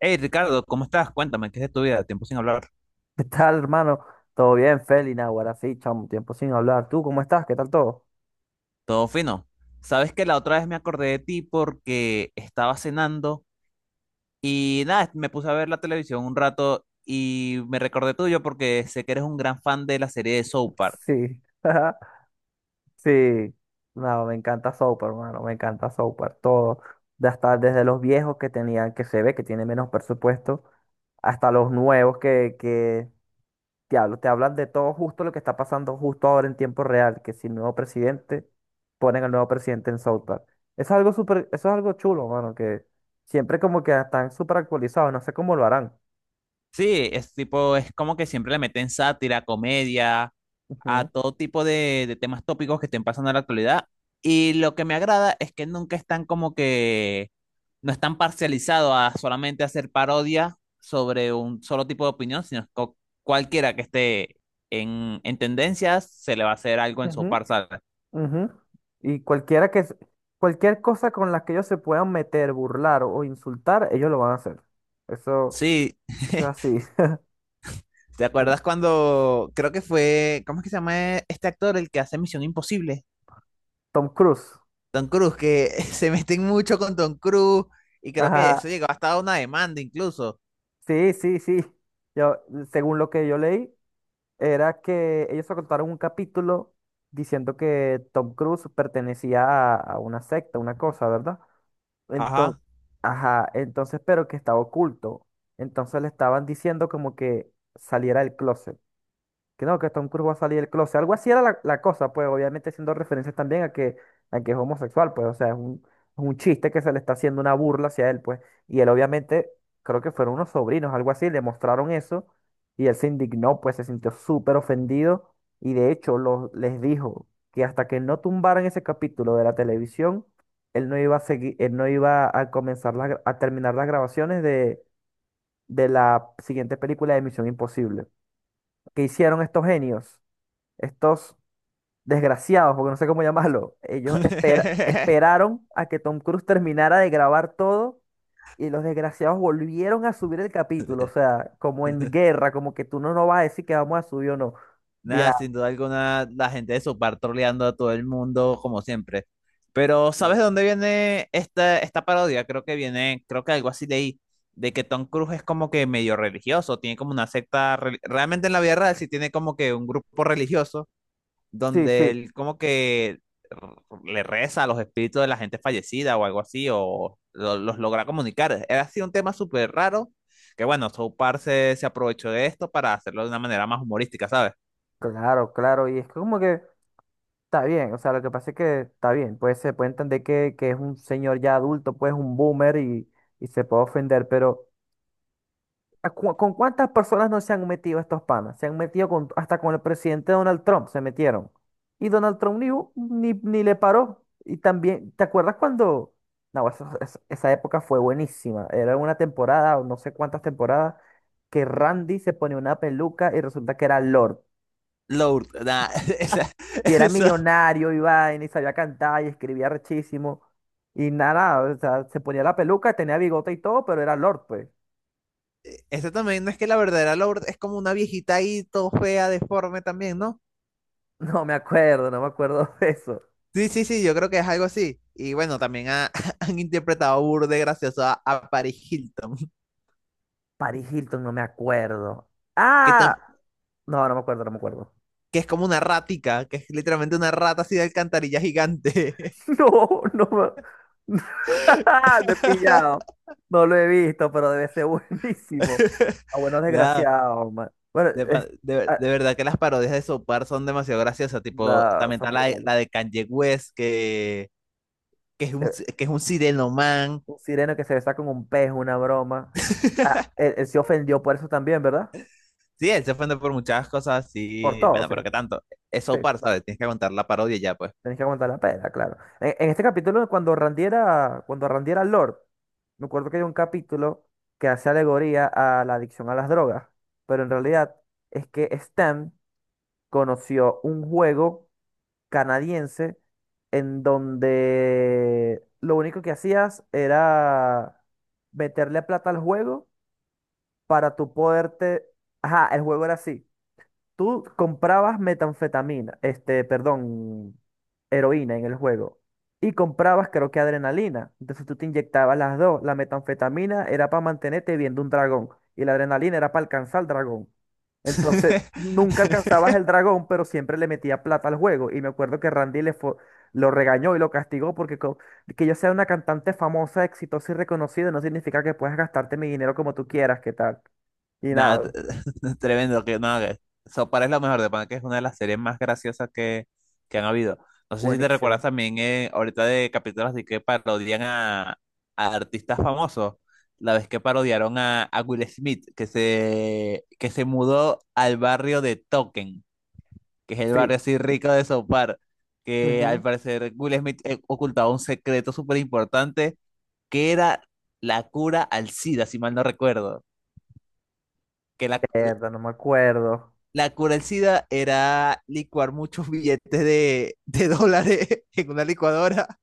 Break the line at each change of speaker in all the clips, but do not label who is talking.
Hey Ricardo, ¿cómo estás? Cuéntame, ¿qué es de tu vida? Tiempo sin hablar.
¿Qué tal, hermano? ¿Todo bien, Feli? Ahora sí, chamo, tiempo sin hablar. ¿Tú cómo estás? ¿Qué tal todo?
Todo fino. Sabes que la otra vez me acordé de ti porque estaba cenando y nada, me puse a ver la televisión un rato y me recordé tuyo porque sé que eres un gran fan de la serie de South Park.
Sí, sí. No, me encanta Soap, hermano, me encanta Soap, todo. De hasta desde los viejos que tenían, que se ve que tienen menos presupuesto, hasta los nuevos que te hablan de todo justo lo que está pasando justo ahora en tiempo real, que si el nuevo presidente, ponen al nuevo presidente en South Park. Eso es algo chulo, mano, que siempre como que están súper actualizados, no sé cómo lo harán.
Sí, es tipo, es como que siempre le meten sátira, comedia a todo tipo de temas tópicos que estén pasando en la actualidad. Y lo que me agrada es que nunca están como que, no están parcializados a solamente hacer parodia sobre un solo tipo de opinión, sino que cualquiera que esté en tendencias se le va a hacer algo en su
Ujú,
parza.
ujú. Y cualquier cosa con la que ellos se puedan meter, burlar o insultar, ellos lo van a hacer. Eso,
Sí,
eso es así.
¿te acuerdas cuando creo que fue, ¿cómo es que se llama este actor el que hace Misión Imposible?
Tom Cruise.
Tom Cruise, que se meten mucho con Tom Cruise y creo que
Ajá.
eso llegó hasta a una demanda incluso.
Sí, sí, sí. Yo, según lo que yo leí, era que ellos contaron un capítulo diciendo que Tom Cruise pertenecía a una secta, una cosa, ¿verdad?
Ajá.
Entonces, ajá, entonces, pero que estaba oculto. Entonces le estaban diciendo como que saliera del closet. Que no, que Tom Cruise va a salir del closet. Algo así era la cosa, pues obviamente haciendo referencias también a que es homosexual, pues o sea, es un chiste que se le está haciendo una burla hacia él, pues. Y él obviamente, creo que fueron unos sobrinos, algo así, le mostraron eso y él se indignó, pues se sintió súper ofendido y de hecho les dijo que hasta que no tumbaran ese capítulo de la televisión, él no iba a seguir, él no iba a comenzar la gra- a terminar las grabaciones de la siguiente película de Misión Imposible. ¿Qué hicieron estos genios? Estos desgraciados, porque no sé cómo llamarlo, esperaron a que Tom Cruise terminara de grabar todo y los desgraciados volvieron a subir el capítulo, o sea, como en guerra, como que tú no nos vas a decir que vamos a subir o no.
Nada,
Ya,
sin duda alguna, la gente de Sopar troleando a todo el mundo, como siempre. Pero ¿sabes de dónde viene esta parodia? Creo que viene, creo que algo así leí, de que Tom Cruise es como que medio religioso, tiene como una secta, realmente en la vida real sí tiene como que un grupo religioso
sí,
donde
sí,
él como que le reza a los espíritus de la gente fallecida o algo así, o los logra comunicar. Era así un tema súper raro, que bueno, South Park se aprovechó de esto para hacerlo de una manera más humorística, ¿sabes?
claro, claro, y es como que está bien, o sea, lo que pasa es que está bien, pues se puede entender que es un señor ya adulto, pues un boomer y se puede ofender, pero... ¿Con cuántas personas no se han metido estos panas? Se han metido hasta con el presidente Donald Trump, se metieron. Y Donald Trump ni, hu- ni, ni le paró. Y también, ¿te acuerdas cuando? No, esa época fue buenísima. Era una temporada, o no sé cuántas temporadas, que Randy se ponía una peluca y resulta que era Lord.
Lourdes, nah, esa-
Y era
eso,
millonario, y vaina, y sabía cantar, y escribía rechísimo. Y nada, o sea, se ponía la peluca, tenía bigote y todo, pero era Lord, pues.
eso también no es que la verdadera Lourdes es como una viejita ahí, todo fea, deforme también, ¿no?
No me acuerdo, no me acuerdo de eso.
Sí, sí, sí, yo creo que es algo así. Y bueno, también han interpretado burde gracioso a Paris Hilton,
Paris Hilton, no me acuerdo.
que,
Ah,
tam-
no, no me acuerdo, no me acuerdo.
que es como una ratica, que es literalmente una rata así de alcantarilla gigante.
No, no me me he pillado. No lo he visto, pero debe ser buenísimo. Ah, bueno,
Nada,
desgraciado, man. Bueno,
de, de
ah,
de verdad que las parodias de Sopar son demasiado graciosas. Tipo,
no,
también
son
está
brutales.
la de Kanye West,
Se-
que es un sirenoman.
Un sireno que se besa con un pez, una broma. Ah, él se ofendió por eso también, ¿verdad?
Sí, él se ofende por muchas cosas,
Por
sí.
todo,
Bueno,
sí.
pero qué tanto. Es
Sí.
Sopar, ¿sabes? Tienes que aguantar la parodia y ya, pues.
Tenés que aguantar la pela, claro. En este capítulo, cuando Randy era Lord, me acuerdo que hay un capítulo que hace alegoría a la adicción a las drogas, pero en realidad es que Stan conoció un juego canadiense en donde lo único que hacías era meterle plata al juego para tú poderte. Ajá, el juego era así. Tú comprabas metanfetamina, este, perdón, heroína en el juego. Y comprabas, creo que adrenalina. Entonces tú te inyectabas las dos. La metanfetamina era para mantenerte viendo un dragón. Y la adrenalina era para alcanzar el dragón. Entonces nunca alcanzabas el dragón, pero siempre le metía plata al juego. Y me acuerdo que Randy lo regañó y lo castigó porque que yo sea una cantante famosa, exitosa y reconocida no significa que puedas gastarte mi dinero como tú quieras, ¿qué tal? Y
Nada,
nada,
tremendo que no, que Sopar es lo mejor de pana, que es una de las series más graciosas que han habido. No sé si te recuerdas
buenísimo.
también ahorita de capítulos de que parodian a artistas famosos. La vez que parodiaron a Will Smith, que que se mudó al barrio de Token, que es el barrio
Sí.
así rico de Sopar, que al
Ujú.
parecer Will Smith ocultaba un secreto súper importante, que era la cura al SIDA, si mal no recuerdo que la,
Mierda, no me acuerdo.
La cura del SIDA era licuar muchos billetes de dólares en una licuadora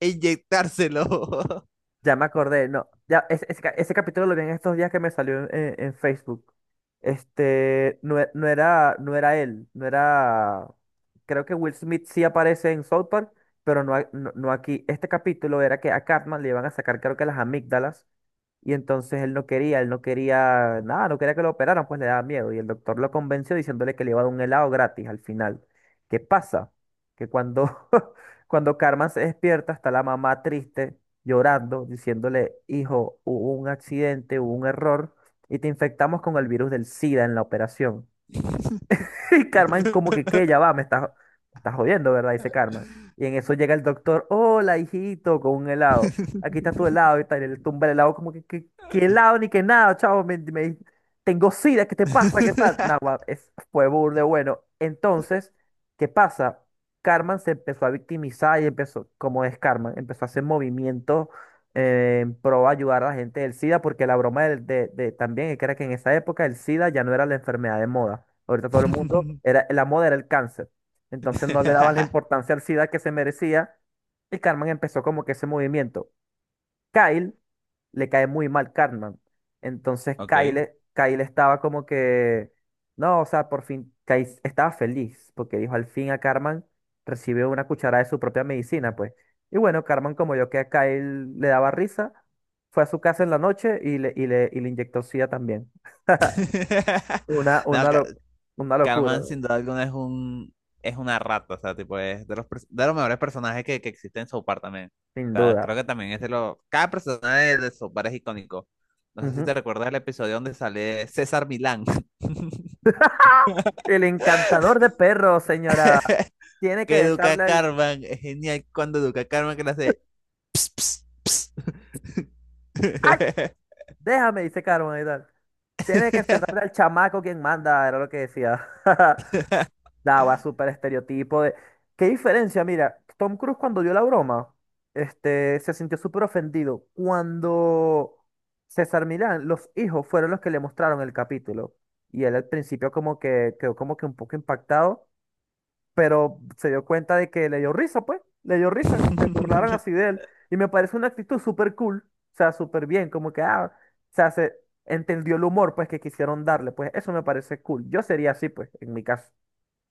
e inyectárselo.
Ya me acordé, no. Ya, ese capítulo lo vi en estos días que me salió en Facebook. Este, no, no era, no era él, no era. Creo que Will Smith sí aparece en South Park, pero no, no, no aquí. Este capítulo era que a Cartman le iban a sacar, creo que las amígdalas. Y entonces él no quería nada, no quería que lo operaran, pues le daba miedo. Y el doctor lo convenció diciéndole que le iba a dar un helado gratis al final. ¿Qué pasa? Que cuando, cuando Carmen se despierta, está la mamá triste, llorando, diciéndole, hijo, hubo un accidente, hubo un error, y te infectamos con el virus del SIDA en la operación. Y Carmen, como que, ¿qué? Ya va, me estás jodiendo, ¿verdad? Dice Carmen. Y en eso llega el doctor, hola, hijito, con un helado. Aquí está tu helado y tal. Y le tumba el helado, como que, ¿qué helado ni qué nada, chavo? Tengo sida, ¿qué te pasa? ¿Qué tal? Nada, guau, fue burde bueno. Entonces, ¿qué pasa? Carmen se empezó a victimizar y empezó, como es Carmen, empezó a hacer movimientos en pro a ayudar a la gente del SIDA, porque la broma también es que era que en esa época el SIDA ya no era la enfermedad de moda. Ahorita todo el mundo, la moda era el cáncer. Entonces no le daban la importancia al SIDA que se merecía y Carmen empezó como que ese movimiento. Kyle le cae muy mal Cartman. Entonces
Ok.
Kyle estaba como que, no, o sea, por fin, Kyle estaba feliz porque dijo, al fin a Cartman recibió una cucharada de su propia medicina, pues. Y bueno, Cartman, como yo que a Kyle le daba risa, fue a su casa en la noche y le inyectó SIDA también. Una,
No,
una, lo- una locura,
Cartman
¿no?
sin duda alguna es un es una rata, o sea, tipo es de de los mejores personajes que existen en South Park también. O
Sin
sea, creo
duda.
que también es de los cada personaje de South Park es icónico. No sé si te
Ujú.
recuerdas el episodio donde sale César Milán,
El encantador de perros, señora, tiene que
que educa a
dejarle el.
Cartman, es genial cuando educa a Cartman que le hace ps, ps,
¡Ay!
ps.
Déjame, dice Carmen y tal. Tiene que enfrentarte al chamaco quien manda, era lo que decía. Daba súper estereotipo de. ¿Qué diferencia? Mira, Tom Cruise cuando dio la broma, se sintió súper ofendido. Cuando César Milán, los hijos fueron los que le mostraron el capítulo. Y él al principio como que quedó como que un poco impactado pero se dio cuenta de que le dio risa, pues, le dio risa que se burlaran así de él. Y me parece una actitud súper cool, o sea, súper bien, como que, ah, o sea, se entendió el humor, pues, que quisieron darle, pues, eso me parece cool. Yo sería así, pues, en mi caso.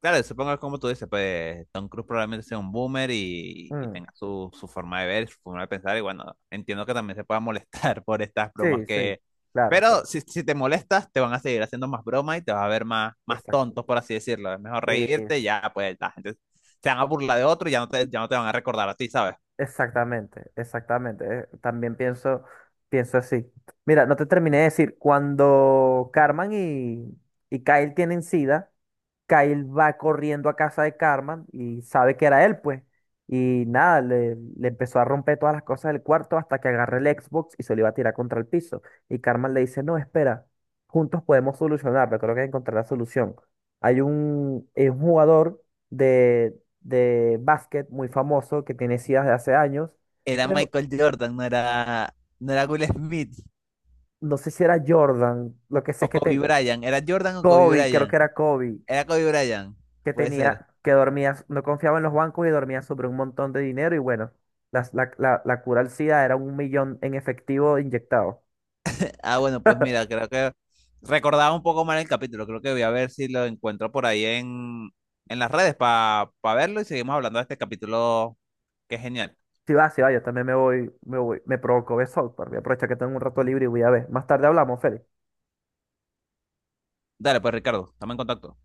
Claro, supongo que como tú dices, pues Tom Cruise probablemente sea un boomer y
Mm,
tenga su forma de ver, su forma de pensar, y bueno, entiendo que también se pueda molestar por estas bromas
sí, sí,
que...
claro,
Pero
claro,
si te molestas, te van a seguir haciendo más bromas y te vas a ver más
exacto.
tontos, por así decirlo. Es mejor reírte, ya pues la gente se van a burlar de otro y ya no ya no te van a recordar a ti, ¿sabes?
Exactamente, exactamente. También pienso así. Mira, no te terminé de decir, cuando Carmen y Kyle tienen SIDA, Kyle va corriendo a casa de Carmen y sabe que era él, pues. Y nada, le empezó a romper todas las cosas del cuarto hasta que agarra el Xbox y se lo iba a tirar contra el piso. Y Carmen le dice, no, espera, juntos podemos solucionarlo, creo que encontrar la solución. Es un jugador de básquet muy famoso que tiene SIDA de hace años,
Era
pero
Michael Jordan, no era, no era Will Smith
no sé si era Jordan, lo que sé es
o
que
Kobe Bryant. ¿Era Jordan o Kobe
Kobe, creo que
Bryant?
era Kobe,
Era Kobe Bryant,
que
puede ser.
tenía, que dormía, no confiaba en los bancos y dormía sobre un montón de dinero y bueno, la cura al SIDA era un millón en efectivo inyectado.
Ah, bueno, pues mira, creo que recordaba un poco mal el capítulo. Creo que voy a ver si lo encuentro por ahí en las redes para verlo y seguimos hablando de este capítulo que es genial.
Si va, si va, yo también me voy, me voy, me provocó ver South Park. Voy a aprovechar que tengo un rato libre y voy a ver. Más tarde hablamos, Félix.
Dale, pues Ricardo, estamos en contacto.